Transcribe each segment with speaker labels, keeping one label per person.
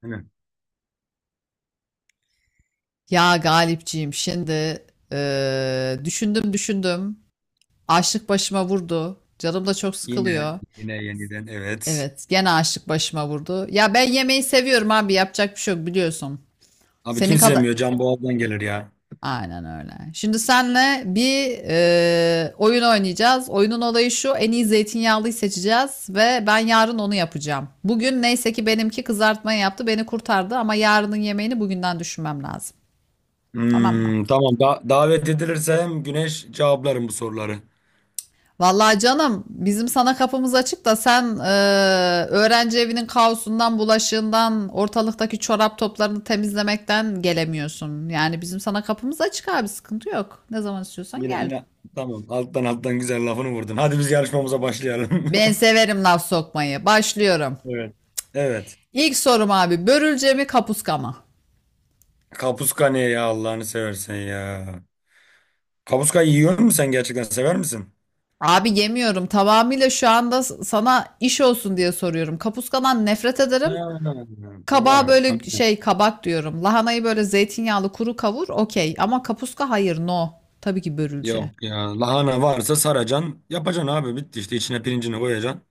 Speaker 1: Hani
Speaker 2: Ya Galipciğim şimdi düşündüm. Açlık başıma vurdu. Canım da çok
Speaker 1: yine
Speaker 2: sıkılıyor.
Speaker 1: yine yeniden evet.
Speaker 2: Evet, gene açlık başıma vurdu. Ya ben yemeği seviyorum abi, yapacak bir şey yok biliyorsun.
Speaker 1: Abi
Speaker 2: Senin
Speaker 1: kimse
Speaker 2: kadar...
Speaker 1: yemiyor. Can Boğaz'dan gelir ya.
Speaker 2: Aynen öyle. Şimdi senle bir oyun oynayacağız. Oyunun olayı şu, en iyi zeytinyağlıyı seçeceğiz ve ben yarın onu yapacağım. Bugün neyse ki benimki kızartmayı yaptı, beni kurtardı ama yarının yemeğini bugünden düşünmem lazım. Tamam mı?
Speaker 1: Hmm, tamam da davet edilirse güneş cevaplarım bu soruları.
Speaker 2: Vallahi canım bizim sana kapımız açık da sen öğrenci evinin kaosundan, bulaşığından, ortalıktaki çorap toplarını temizlemekten gelemiyorsun. Yani bizim sana kapımız açık abi sıkıntı yok. Ne zaman istiyorsan
Speaker 1: Yine
Speaker 2: gel.
Speaker 1: yine tamam alttan alttan güzel lafını vurdun. Hadi biz yarışmamıza başlayalım.
Speaker 2: Ben severim laf sokmayı. Başlıyorum.
Speaker 1: Evet. Evet.
Speaker 2: İlk sorum abi börülce mi kapuska mı?
Speaker 1: Kapuska ne ya Allah'ını seversen ya. Kapuska yiyor musun sen gerçekten sever misin?
Speaker 2: Abi yemiyorum tamamıyla şu anda sana iş olsun diye soruyorum. Kapuskadan nefret
Speaker 1: Ha,
Speaker 2: ederim.
Speaker 1: tamam
Speaker 2: Kabağı
Speaker 1: tamam.
Speaker 2: böyle şey kabak diyorum. Lahanayı böyle zeytinyağlı kuru kavur okey. Ama kapuska hayır no. Tabii ki börülce.
Speaker 1: Yok ya lahana varsa saracan yapacaksın abi bitti işte içine pirincini koyacaksın.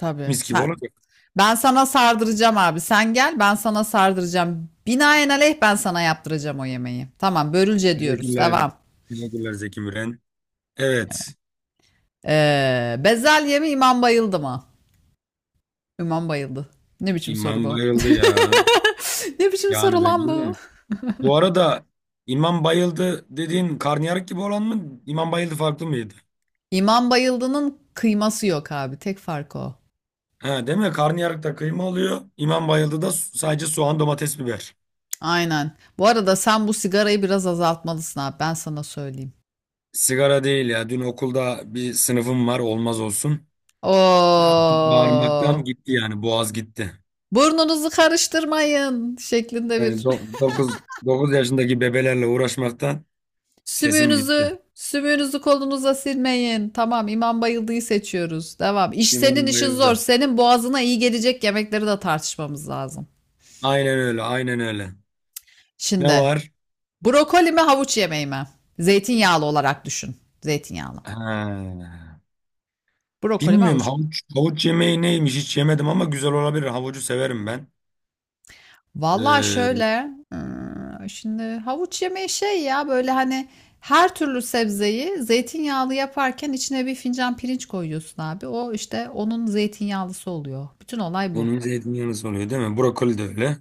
Speaker 2: Tabii.
Speaker 1: Mis gibi
Speaker 2: Sen,
Speaker 1: olacak.
Speaker 2: ben sana sardıracağım abi. Sen gel ben sana sardıracağım. Binaenaleyh ben sana yaptıracağım o yemeği. Tamam börülce diyoruz.
Speaker 1: Teşekkürler.
Speaker 2: Devam.
Speaker 1: Teşekkürler Zeki Müren. Evet.
Speaker 2: Bezelye mi imam bayıldı mı? İmam bayıldı. Ne biçim soru
Speaker 1: İmam
Speaker 2: bu?
Speaker 1: bayıldı ya.
Speaker 2: Ne biçim soru
Speaker 1: Yani
Speaker 2: lan
Speaker 1: bence
Speaker 2: bu?
Speaker 1: de. Bu arada İmam bayıldı dediğin karnıyarık gibi olan mı? İmam bayıldı farklı mıydı?
Speaker 2: İmam Bayıldı'nın kıyması yok abi. Tek fark o.
Speaker 1: Ha, değil mi? Karnıyarıkta kıyma oluyor. İmam bayıldı da sadece soğan, domates, biber.
Speaker 2: Aynen. Bu arada sen bu sigarayı biraz azaltmalısın abi. Ben sana söyleyeyim.
Speaker 1: Sigara değil ya. Dün okulda bir sınıfım var. Olmaz olsun. E, artık
Speaker 2: Oo.
Speaker 1: bağırmaktan gitti yani. Boğaz gitti.
Speaker 2: Burnunuzu karıştırmayın şeklinde
Speaker 1: Yani
Speaker 2: bir.
Speaker 1: do 9 9 yaşındaki bebelerle uğraşmaktan sesim gitti.
Speaker 2: Sümüğünüzü kolunuza silmeyin. Tamam, İmam Bayıldı'yı seçiyoruz. Devam. İş senin
Speaker 1: İmam
Speaker 2: işin zor.
Speaker 1: bayıldı.
Speaker 2: Senin boğazına iyi gelecek yemekleri de tartışmamız lazım.
Speaker 1: Aynen öyle, aynen öyle. Ne
Speaker 2: Şimdi
Speaker 1: var?
Speaker 2: brokoli mi havuç yemeği mi? Zeytinyağlı olarak düşün. Zeytinyağlı.
Speaker 1: Ha.
Speaker 2: Brokoli mi
Speaker 1: Bilmiyorum
Speaker 2: havuç.
Speaker 1: havuç yemeği neymiş hiç yemedim ama güzel olabilir. Havucu severim ben.
Speaker 2: Vallahi
Speaker 1: Ee,
Speaker 2: şöyle, şimdi havuç yemeği şey ya böyle hani her türlü sebzeyi zeytinyağlı yaparken içine bir fincan pirinç koyuyorsun abi. O işte onun zeytinyağlısı oluyor. Bütün olay bu.
Speaker 1: bunun zeytinyağlısı oluyor değil mi? Brokoli de öyle.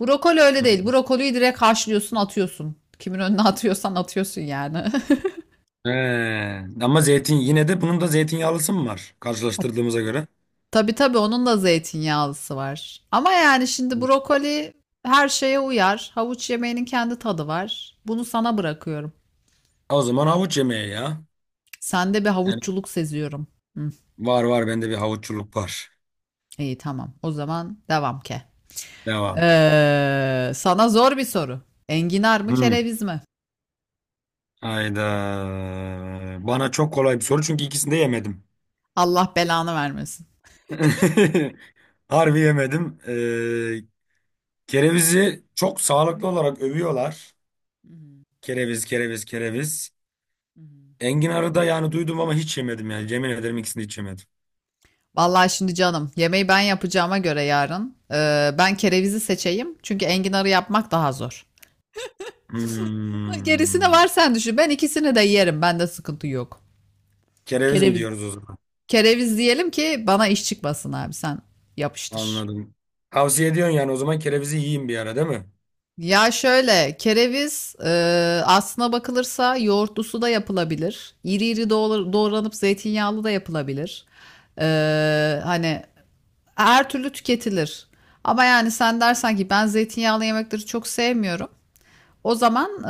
Speaker 2: Brokoli öyle
Speaker 1: Hı.
Speaker 2: değil. Brokoliyi direkt haşlıyorsun, atıyorsun. Kimin önüne atıyorsan atıyorsun yani.
Speaker 1: He. Ama zeytin yine de bunun da zeytinyağlısı mı var karşılaştırdığımıza göre?
Speaker 2: Tabii onun da zeytinyağlısı var. Ama yani şimdi
Speaker 1: Hı.
Speaker 2: brokoli her şeye uyar. Havuç yemeğinin kendi tadı var. Bunu sana bırakıyorum.
Speaker 1: O zaman havuç yemeği ya.
Speaker 2: Sende bir
Speaker 1: Yani
Speaker 2: havuççuluk seziyorum. Hı.
Speaker 1: var bende bir havuççuluk var.
Speaker 2: İyi tamam. O zaman devam ke.
Speaker 1: Devam.
Speaker 2: Sana zor bir soru. Enginar mı
Speaker 1: Hı.
Speaker 2: kereviz mi?
Speaker 1: Hayda. Bana çok kolay bir soru çünkü ikisini de yemedim.
Speaker 2: Allah belanı vermesin.
Speaker 1: Harbi yemedim. Kerevizi çok sağlıklı olarak övüyorlar. Kereviz, kereviz, kereviz. Enginarı da yani duydum ama hiç yemedim yani. Yemin ederim ikisini hiç yemedim.
Speaker 2: Vallahi şimdi canım yemeği ben yapacağıma göre yarın ben kerevizi seçeyim. Çünkü enginarı yapmak daha zor. Gerisine
Speaker 1: Hmm.
Speaker 2: var sen düşün. Ben ikisini de yerim. Bende sıkıntı yok.
Speaker 1: Kereviz mi
Speaker 2: Kereviz.
Speaker 1: diyoruz o zaman?
Speaker 2: Kereviz diyelim ki bana iş çıkmasın abi sen yapıştır.
Speaker 1: Anladım. Tavsiye ediyorsun yani o zaman kerevizi yiyeyim bir ara değil mi?
Speaker 2: Ya şöyle, kereviz aslına bakılırsa yoğurtlusu da yapılabilir. İri iri doğranıp zeytinyağlı da yapılabilir. Hani her türlü tüketilir. Ama yani sen dersen ki ben zeytinyağlı yemekleri çok sevmiyorum. O zaman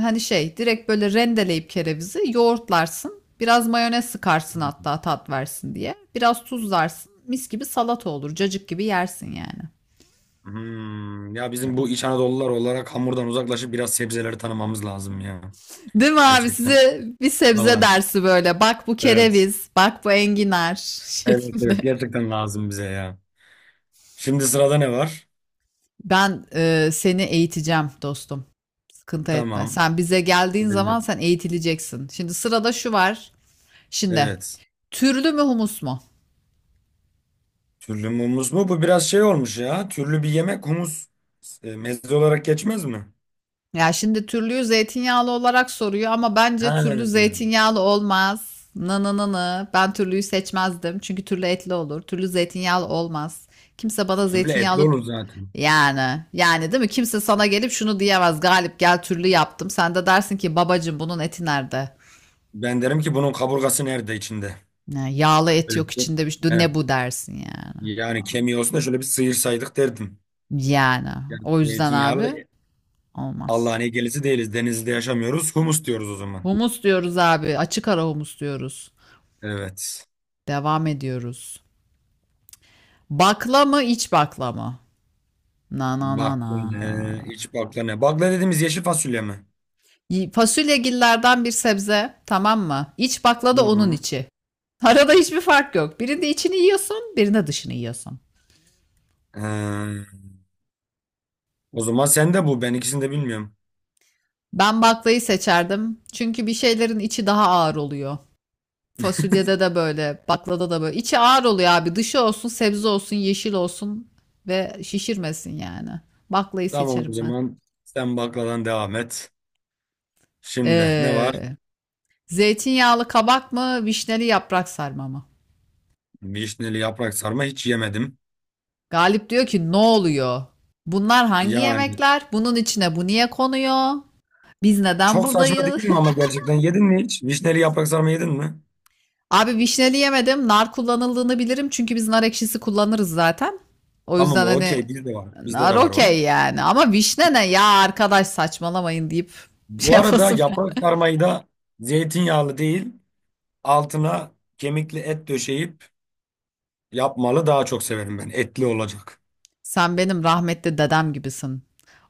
Speaker 2: hani şey direkt böyle rendeleyip kerevizi yoğurtlarsın. Biraz mayonez sıkarsın hatta tat versin diye. Biraz tuzlarsın. Mis gibi salata olur. Cacık gibi yersin yani.
Speaker 1: Hmm. Ya bizim bu İç Anadolular olarak hamurdan uzaklaşıp biraz sebzeleri tanımamız lazım ya.
Speaker 2: Değil mi abi?
Speaker 1: Gerçekten.
Speaker 2: Size bir sebze
Speaker 1: Vallahi.
Speaker 2: dersi böyle. Bak bu
Speaker 1: Evet.
Speaker 2: kereviz, bak bu enginar
Speaker 1: Evet
Speaker 2: şeklinde.
Speaker 1: evet gerçekten lazım bize ya. Şimdi sırada ne var?
Speaker 2: Ben seni eğiteceğim dostum. Sıkıntı etme.
Speaker 1: Tamam.
Speaker 2: Sen bize geldiğin zaman
Speaker 1: Evet.
Speaker 2: sen eğitileceksin. Şimdi sırada şu var. Şimdi
Speaker 1: Evet.
Speaker 2: türlü mü humus mu?
Speaker 1: Türlü mü humus mu? Bu biraz şey olmuş ya. Türlü bir yemek humus meze olarak geçmez mi?
Speaker 2: Ya şimdi türlü zeytinyağlı olarak soruyor ama
Speaker 1: Ha,
Speaker 2: bence türlü zeytinyağlı olmaz. Nı nı nı nı. Ben türlüyü seçmezdim. Çünkü türlü etli olur. Türlü zeytinyağlı olmaz. Kimse bana
Speaker 1: türlü etli
Speaker 2: zeytinyağlı
Speaker 1: olur zaten.
Speaker 2: yani yani değil mi? Kimse sana gelip şunu diyemez. Galip gel türlü yaptım. Sen de dersin ki babacım bunun eti nerede?
Speaker 1: Ben derim ki bunun kaburgası nerede içinde?
Speaker 2: Ya, yağlı et
Speaker 1: Böyle
Speaker 2: yok içinde bir şey.
Speaker 1: he,
Speaker 2: Ne bu dersin yani.
Speaker 1: yani kemiği olsun da şöyle bir sıyırsaydık derdim.
Speaker 2: Yani
Speaker 1: Yani
Speaker 2: o yüzden
Speaker 1: zeytinyağlı da
Speaker 2: abi olmaz.
Speaker 1: Allah'ın gelisi değiliz. Denizli'de yaşamıyoruz. Humus diyoruz o zaman.
Speaker 2: Humus diyoruz abi. Açık ara humus diyoruz.
Speaker 1: Evet.
Speaker 2: Devam ediyoruz. Bakla mı iç bakla mı? Na na na
Speaker 1: Bakla
Speaker 2: na.
Speaker 1: ne? İç bakla ne? Bakla dediğimiz yeşil fasulye mi?
Speaker 2: Fasulyegillerden bir sebze tamam mı? İç bakla
Speaker 1: Hı
Speaker 2: da onun
Speaker 1: hı.
Speaker 2: içi. Arada hiçbir fark yok. Birinde içini yiyorsun, birinde dışını yiyorsun.
Speaker 1: Ee, o zaman sen de bu. Ben ikisini de bilmiyorum.
Speaker 2: Ben baklayı seçerdim. Çünkü bir şeylerin içi daha ağır oluyor. Fasulyede de böyle, baklada da böyle. İçi ağır oluyor abi. Dışı olsun, sebze olsun, yeşil olsun ve şişirmesin yani. Baklayı
Speaker 1: Tamam o
Speaker 2: seçerim ben.
Speaker 1: zaman sen bakladan devam et. Şimdi ne var?
Speaker 2: Ee, zeytinyağlı kabak mı, vişneli yaprak sarma mı?
Speaker 1: Vişneli yaprak sarma hiç yemedim.
Speaker 2: Galip diyor ki ne oluyor? Bunlar hangi
Speaker 1: Yani
Speaker 2: yemekler? Bunun içine bu niye konuyor? Biz neden
Speaker 1: çok saçma
Speaker 2: buradayız?
Speaker 1: değil mi ama gerçekten yedin mi hiç? Vişneli yaprak sarma yedin mi?
Speaker 2: Abi vişneli yemedim. Nar kullanıldığını bilirim. Çünkü biz nar ekşisi kullanırız zaten. O
Speaker 1: Tamam
Speaker 2: yüzden
Speaker 1: o okey
Speaker 2: hani
Speaker 1: bizde var. Bizde
Speaker 2: nar
Speaker 1: de var o.
Speaker 2: okey yani. Ama vişne ne ya arkadaş saçmalamayın deyip şey
Speaker 1: Bu arada
Speaker 2: yapasın.
Speaker 1: yaprak sarmayı da zeytinyağlı değil altına kemikli et döşeyip yapmalı daha çok severim ben. Etli olacak.
Speaker 2: Sen benim rahmetli dedem gibisin.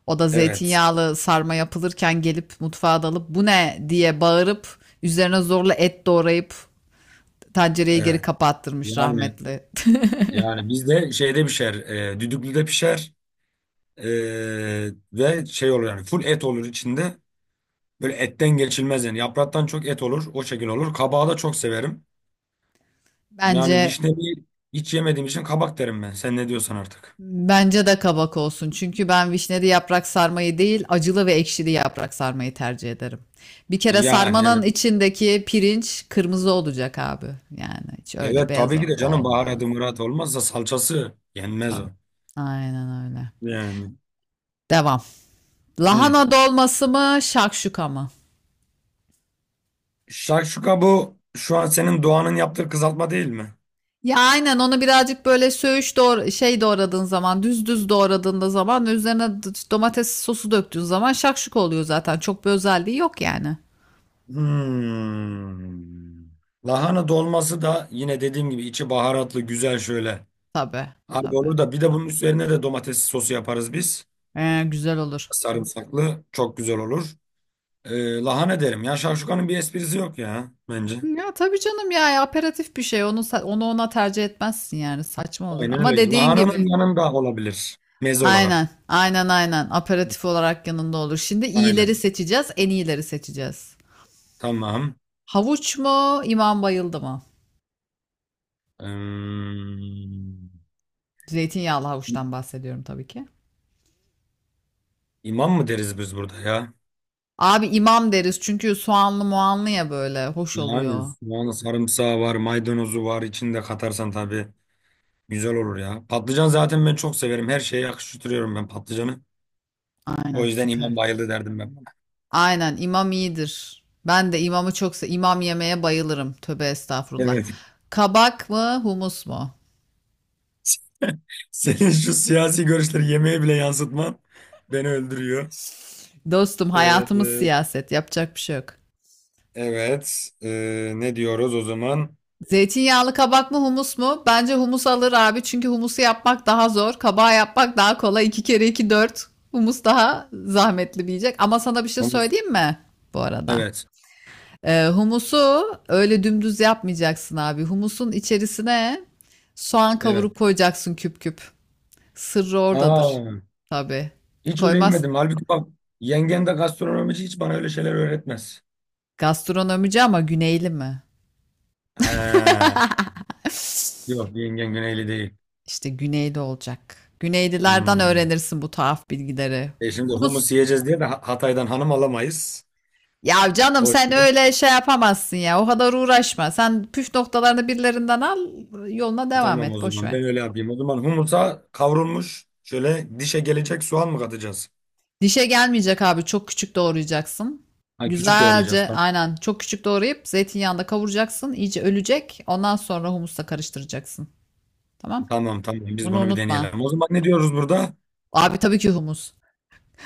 Speaker 2: O da
Speaker 1: Evet.
Speaker 2: zeytinyağlı sarma yapılırken gelip mutfağa dalıp bu ne diye bağırıp üzerine zorla et doğrayıp tencereyi geri
Speaker 1: Evet.
Speaker 2: kapattırmış
Speaker 1: Yani
Speaker 2: rahmetli.
Speaker 1: yani bizde şeyde pişer. E, düdüklüde pişer. Ve şey olur yani full et olur içinde. Böyle etten geçilmez yani. Yapraktan çok et olur. O şekil olur. Kabağı da çok severim. Yani
Speaker 2: Bence
Speaker 1: vişneyi hiç yemediğim için kabak derim ben. Sen ne diyorsan artık.
Speaker 2: bence de kabak olsun. Çünkü ben vişneli yaprak sarmayı değil, acılı ve ekşili yaprak sarmayı tercih ederim. Bir kere
Speaker 1: Yani
Speaker 2: sarmanın
Speaker 1: evet.
Speaker 2: içindeki pirinç kırmızı olacak abi. Yani hiç öyle
Speaker 1: Evet
Speaker 2: beyaz
Speaker 1: tabii ki de canım
Speaker 2: olmaz.
Speaker 1: baharatı murat olmazsa salçası yenmez
Speaker 2: Tabii.
Speaker 1: o.
Speaker 2: Aynen öyle.
Speaker 1: Yani.
Speaker 2: Devam.
Speaker 1: Hı.
Speaker 2: Lahana dolması mı, şakşuka mı?
Speaker 1: Şakşuka bu şu an senin Doğan'ın yaptığı kızartma değil mi?
Speaker 2: Ya aynen onu birazcık böyle söğüş doğra şey doğradığın zaman, düz düz doğradığında zaman üzerine domates sosu döktüğün zaman şakşuka oluyor zaten. Çok bir özelliği yok yani.
Speaker 1: Hmm. Lahana dolması da yine dediğim gibi içi baharatlı güzel şöyle.
Speaker 2: Tabii,
Speaker 1: Abi
Speaker 2: tabii.
Speaker 1: olur da bir de bunun üzerine de domates sosu yaparız biz.
Speaker 2: Güzel olur.
Speaker 1: Sarımsaklı çok güzel olur. Lahana derim ya şavşukanın bir esprisi yok ya bence.
Speaker 2: Ya tabii canım ya ya aperatif bir şey. Onu ona tercih etmezsin yani. Saçma olur.
Speaker 1: Aynen
Speaker 2: Ama
Speaker 1: öyle.
Speaker 2: dediğin
Speaker 1: Lahananın
Speaker 2: gibi.
Speaker 1: yanında olabilir meze
Speaker 2: Aynen.
Speaker 1: olarak.
Speaker 2: Aynen. Aperatif olarak yanında olur. Şimdi iyileri
Speaker 1: Aynen.
Speaker 2: seçeceğiz. En iyileri seçeceğiz.
Speaker 1: Tamam.
Speaker 2: Havuç mu? İmam bayıldı mı?
Speaker 1: Ee,
Speaker 2: Zeytinyağlı havuçtan bahsediyorum tabii ki.
Speaker 1: imam mı deriz biz burada ya?
Speaker 2: Abi imam deriz çünkü soğanlı muanlı ya böyle. Hoş
Speaker 1: Yani
Speaker 2: oluyor.
Speaker 1: soğanı sarımsağı var, maydanozu var. İçinde katarsan tabii güzel olur ya. Patlıcan zaten ben çok severim. Her şeye yakıştırıyorum ben patlıcanı. O
Speaker 2: Aynen
Speaker 1: yüzden
Speaker 2: süper.
Speaker 1: imam bayıldı derdim ben.
Speaker 2: Aynen imam iyidir. Ben de imamı çok se imam yemeye bayılırım. Tövbe estağfurullah.
Speaker 1: Evet.
Speaker 2: Kabak mı humus mu?
Speaker 1: Senin şu siyasi görüşleri yemeğe bile yansıtman beni öldürüyor.
Speaker 2: Dostum hayatımız
Speaker 1: Ee,
Speaker 2: siyaset. Yapacak bir şey yok.
Speaker 1: evet. Ne diyoruz o zaman?
Speaker 2: Zeytinyağlı kabak mı humus mu? Bence humus alır abi. Çünkü humusu yapmak daha zor. Kabağı yapmak daha kolay. 2 kere 2 4. Humus daha zahmetli bir yiyecek. Ama sana bir şey
Speaker 1: Humus.
Speaker 2: söyleyeyim mi? Bu arada.
Speaker 1: Evet.
Speaker 2: Humusu öyle dümdüz yapmayacaksın abi. Humusun içerisine soğan
Speaker 1: Evet.
Speaker 2: kavurup koyacaksın küp küp. Sırrı oradadır.
Speaker 1: Aa,
Speaker 2: Tabii.
Speaker 1: hiç öyle
Speaker 2: Koymaz.
Speaker 1: yemedim. Halbuki bak yengen de gastronomici hiç bana öyle şeyler öğretmez.
Speaker 2: Gastronomici ama güneyli mi?
Speaker 1: Ha, yok yengen Güneyli değil.
Speaker 2: İşte güneyli olacak. Güneylilerden
Speaker 1: Hmm.
Speaker 2: öğrenirsin bu tuhaf bilgileri.
Speaker 1: E şimdi
Speaker 2: Humus.
Speaker 1: humus yiyeceğiz diye de Hatay'dan hanım alamayız.
Speaker 2: Ya canım
Speaker 1: O
Speaker 2: sen
Speaker 1: yüzden
Speaker 2: öyle şey yapamazsın ya. O kadar uğraşma. Sen püf noktalarını birilerinden al, yoluna devam
Speaker 1: tamam o
Speaker 2: et. Boş
Speaker 1: zaman
Speaker 2: ver.
Speaker 1: ben öyle yapayım. O zaman humusa kavrulmuş şöyle dişe gelecek soğan mı katacağız?
Speaker 2: Dişe gelmeyecek abi. Çok küçük doğrayacaksın.
Speaker 1: Ha, küçük doğrayacağız
Speaker 2: Güzelce
Speaker 1: tamam.
Speaker 2: aynen çok küçük doğrayıp zeytinyağında kavuracaksın. İyice ölecek. Ondan sonra humusla karıştıracaksın. Tamam?
Speaker 1: Tamam tamam biz
Speaker 2: Bunu
Speaker 1: bunu bir
Speaker 2: unutma.
Speaker 1: deneyelim. O zaman ne diyoruz burada?
Speaker 2: Abi tabii ki humus.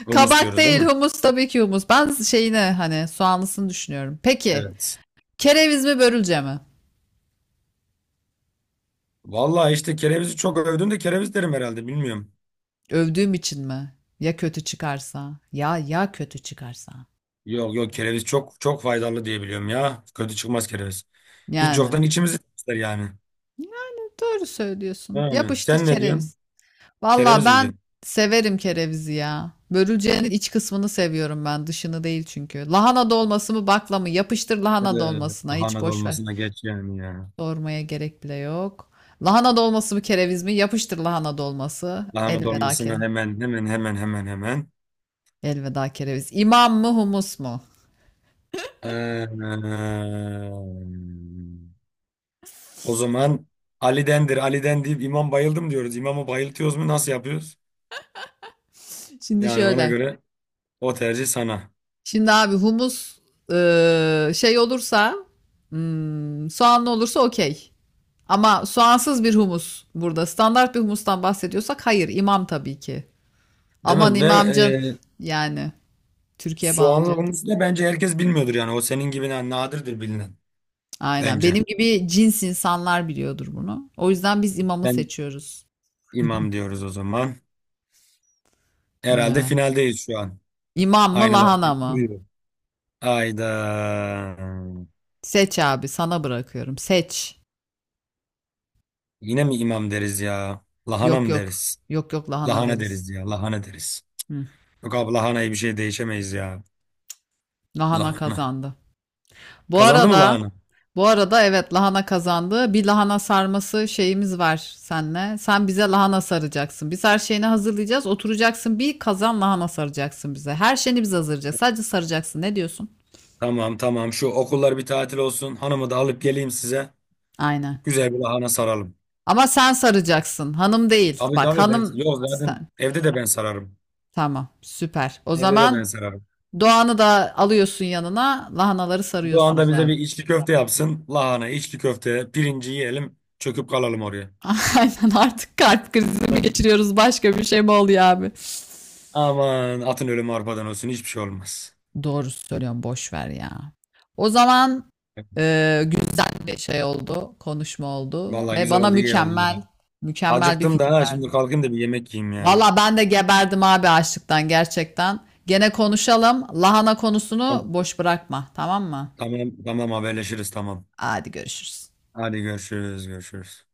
Speaker 1: Humus
Speaker 2: Kabak
Speaker 1: diyoruz değil
Speaker 2: değil
Speaker 1: mi?
Speaker 2: humus tabii ki humus. Ben şeyine hani soğanlısını düşünüyorum. Peki
Speaker 1: Evet.
Speaker 2: kereviz mi börülce mi?
Speaker 1: Vallahi işte kerevizi çok övdün de kereviz derim herhalde bilmiyorum.
Speaker 2: Övdüğüm için mi? Ya kötü çıkarsa? Ya kötü çıkarsa?
Speaker 1: Yok yok kereviz çok çok faydalı diye biliyorum ya. Kötü çıkmaz kereviz. Hiç
Speaker 2: Yani.
Speaker 1: yoktan içimizi temizler yani.
Speaker 2: Yani doğru söylüyorsun.
Speaker 1: Yani
Speaker 2: Yapıştır
Speaker 1: sen ne diyorsun?
Speaker 2: kereviz. Valla
Speaker 1: Kereviz mi
Speaker 2: ben
Speaker 1: diyorsun?
Speaker 2: severim kerevizi ya. Börülcenin iç kısmını seviyorum ben. Dışını değil çünkü. Lahana dolması mı bakla mı? Yapıştır lahana
Speaker 1: Evet,
Speaker 2: dolmasına. Hiç
Speaker 1: lahana
Speaker 2: boş ver.
Speaker 1: dolmasına geç yani ya.
Speaker 2: Sormaya gerek bile yok. Lahana dolması mı kereviz mi? Yapıştır lahana dolması.
Speaker 1: Lahana
Speaker 2: Elveda
Speaker 1: dolmasına
Speaker 2: kere.
Speaker 1: hemen hemen hemen hemen hemen.
Speaker 2: Elveda kereviz. İmam mı humus mu?
Speaker 1: Ee, O zaman Ali'dendir, Ali'den deyip imam bayıldım diyoruz. İmamı bayıltıyoruz mu nasıl yapıyoruz?
Speaker 2: Şimdi
Speaker 1: Yani ona
Speaker 2: şöyle.
Speaker 1: göre o tercih sana.
Speaker 2: Şimdi abi humus şey olursa soğanlı olursa okey. Ama soğansız bir humus burada. Standart bir humustan bahsediyorsak hayır İmam tabii ki.
Speaker 1: Değil
Speaker 2: Aman
Speaker 1: mi? Ve
Speaker 2: imamcan yani Türkiye
Speaker 1: soğanlı
Speaker 2: bağlayacaktım.
Speaker 1: humusu da bence herkes bilmiyordur yani. O senin gibi nadirdir bilinen
Speaker 2: Aynen.
Speaker 1: bence.
Speaker 2: Benim gibi cins insanlar biliyordur bunu. O yüzden biz imamı
Speaker 1: Ben
Speaker 2: seçiyoruz.
Speaker 1: imam diyoruz o zaman. Herhalde
Speaker 2: Ya.
Speaker 1: finaldeyiz şu an.
Speaker 2: İmam mı
Speaker 1: Aynalar
Speaker 2: lahana
Speaker 1: gibi
Speaker 2: mı?
Speaker 1: duruyor. Ayda.
Speaker 2: Seç abi sana bırakıyorum. Seç.
Speaker 1: Yine mi imam deriz ya? Lahana
Speaker 2: Yok
Speaker 1: mı
Speaker 2: yok.
Speaker 1: deriz?
Speaker 2: Yok lahana
Speaker 1: Lahana
Speaker 2: deriz.
Speaker 1: deriz ya. Lahana deriz.
Speaker 2: Hı.
Speaker 1: Yok abi lahanayı bir şey değişemeyiz ya.
Speaker 2: Lahana
Speaker 1: Lahana.
Speaker 2: kazandı. Bu
Speaker 1: Kazandı mı
Speaker 2: arada
Speaker 1: lahana?
Speaker 2: bu arada evet lahana kazandı. Bir lahana sarması şeyimiz var senle. Sen bize lahana saracaksın. Biz her şeyini hazırlayacağız. Oturacaksın bir kazan lahana saracaksın bize. Her şeyini biz hazırlayacağız. Sadece saracaksın. Ne diyorsun?
Speaker 1: Tamam tamam şu okullar bir tatil olsun. Hanımı da alıp geleyim size.
Speaker 2: Aynen.
Speaker 1: Güzel bir lahana saralım.
Speaker 2: Ama sen saracaksın. Hanım değil.
Speaker 1: Tabii
Speaker 2: Bak
Speaker 1: tabii ben
Speaker 2: hanım
Speaker 1: yok zaten
Speaker 2: sen.
Speaker 1: evde de ben sararım.
Speaker 2: Tamam, süper. O
Speaker 1: Evde de ben
Speaker 2: zaman
Speaker 1: sararım.
Speaker 2: Doğan'ı da alıyorsun yanına. Lahanaları
Speaker 1: Bu anda
Speaker 2: sarıyorsunuz
Speaker 1: bize
Speaker 2: abi.
Speaker 1: bir içli köfte yapsın. Lahana, içli köfte, pirinci yiyelim. Çöküp kalalım oraya.
Speaker 2: Aynen artık kalp krizi mi
Speaker 1: Evet.
Speaker 2: geçiriyoruz başka bir şey mi oluyor abi?
Speaker 1: Aman atın ölümü arpadan olsun. Hiçbir şey olmaz.
Speaker 2: Doğru söylüyorum boş ver ya. O zaman güzel bir şey oldu, konuşma oldu
Speaker 1: Vallahi
Speaker 2: ve
Speaker 1: güzel
Speaker 2: bana
Speaker 1: oldu, iyi oldu ya.
Speaker 2: mükemmel, mükemmel bir
Speaker 1: Acıktım da
Speaker 2: fikir
Speaker 1: ha, şimdi
Speaker 2: verdin.
Speaker 1: kalkayım da bir yemek yiyeyim ya.
Speaker 2: Valla ben de geberdim abi açlıktan gerçekten. Gene konuşalım. Lahana konusunu
Speaker 1: Tamam
Speaker 2: boş bırakma, tamam mı?
Speaker 1: tamam tamam. Haberleşiriz tamam.
Speaker 2: Hadi görüşürüz.
Speaker 1: Hadi görüşürüz görüşürüz.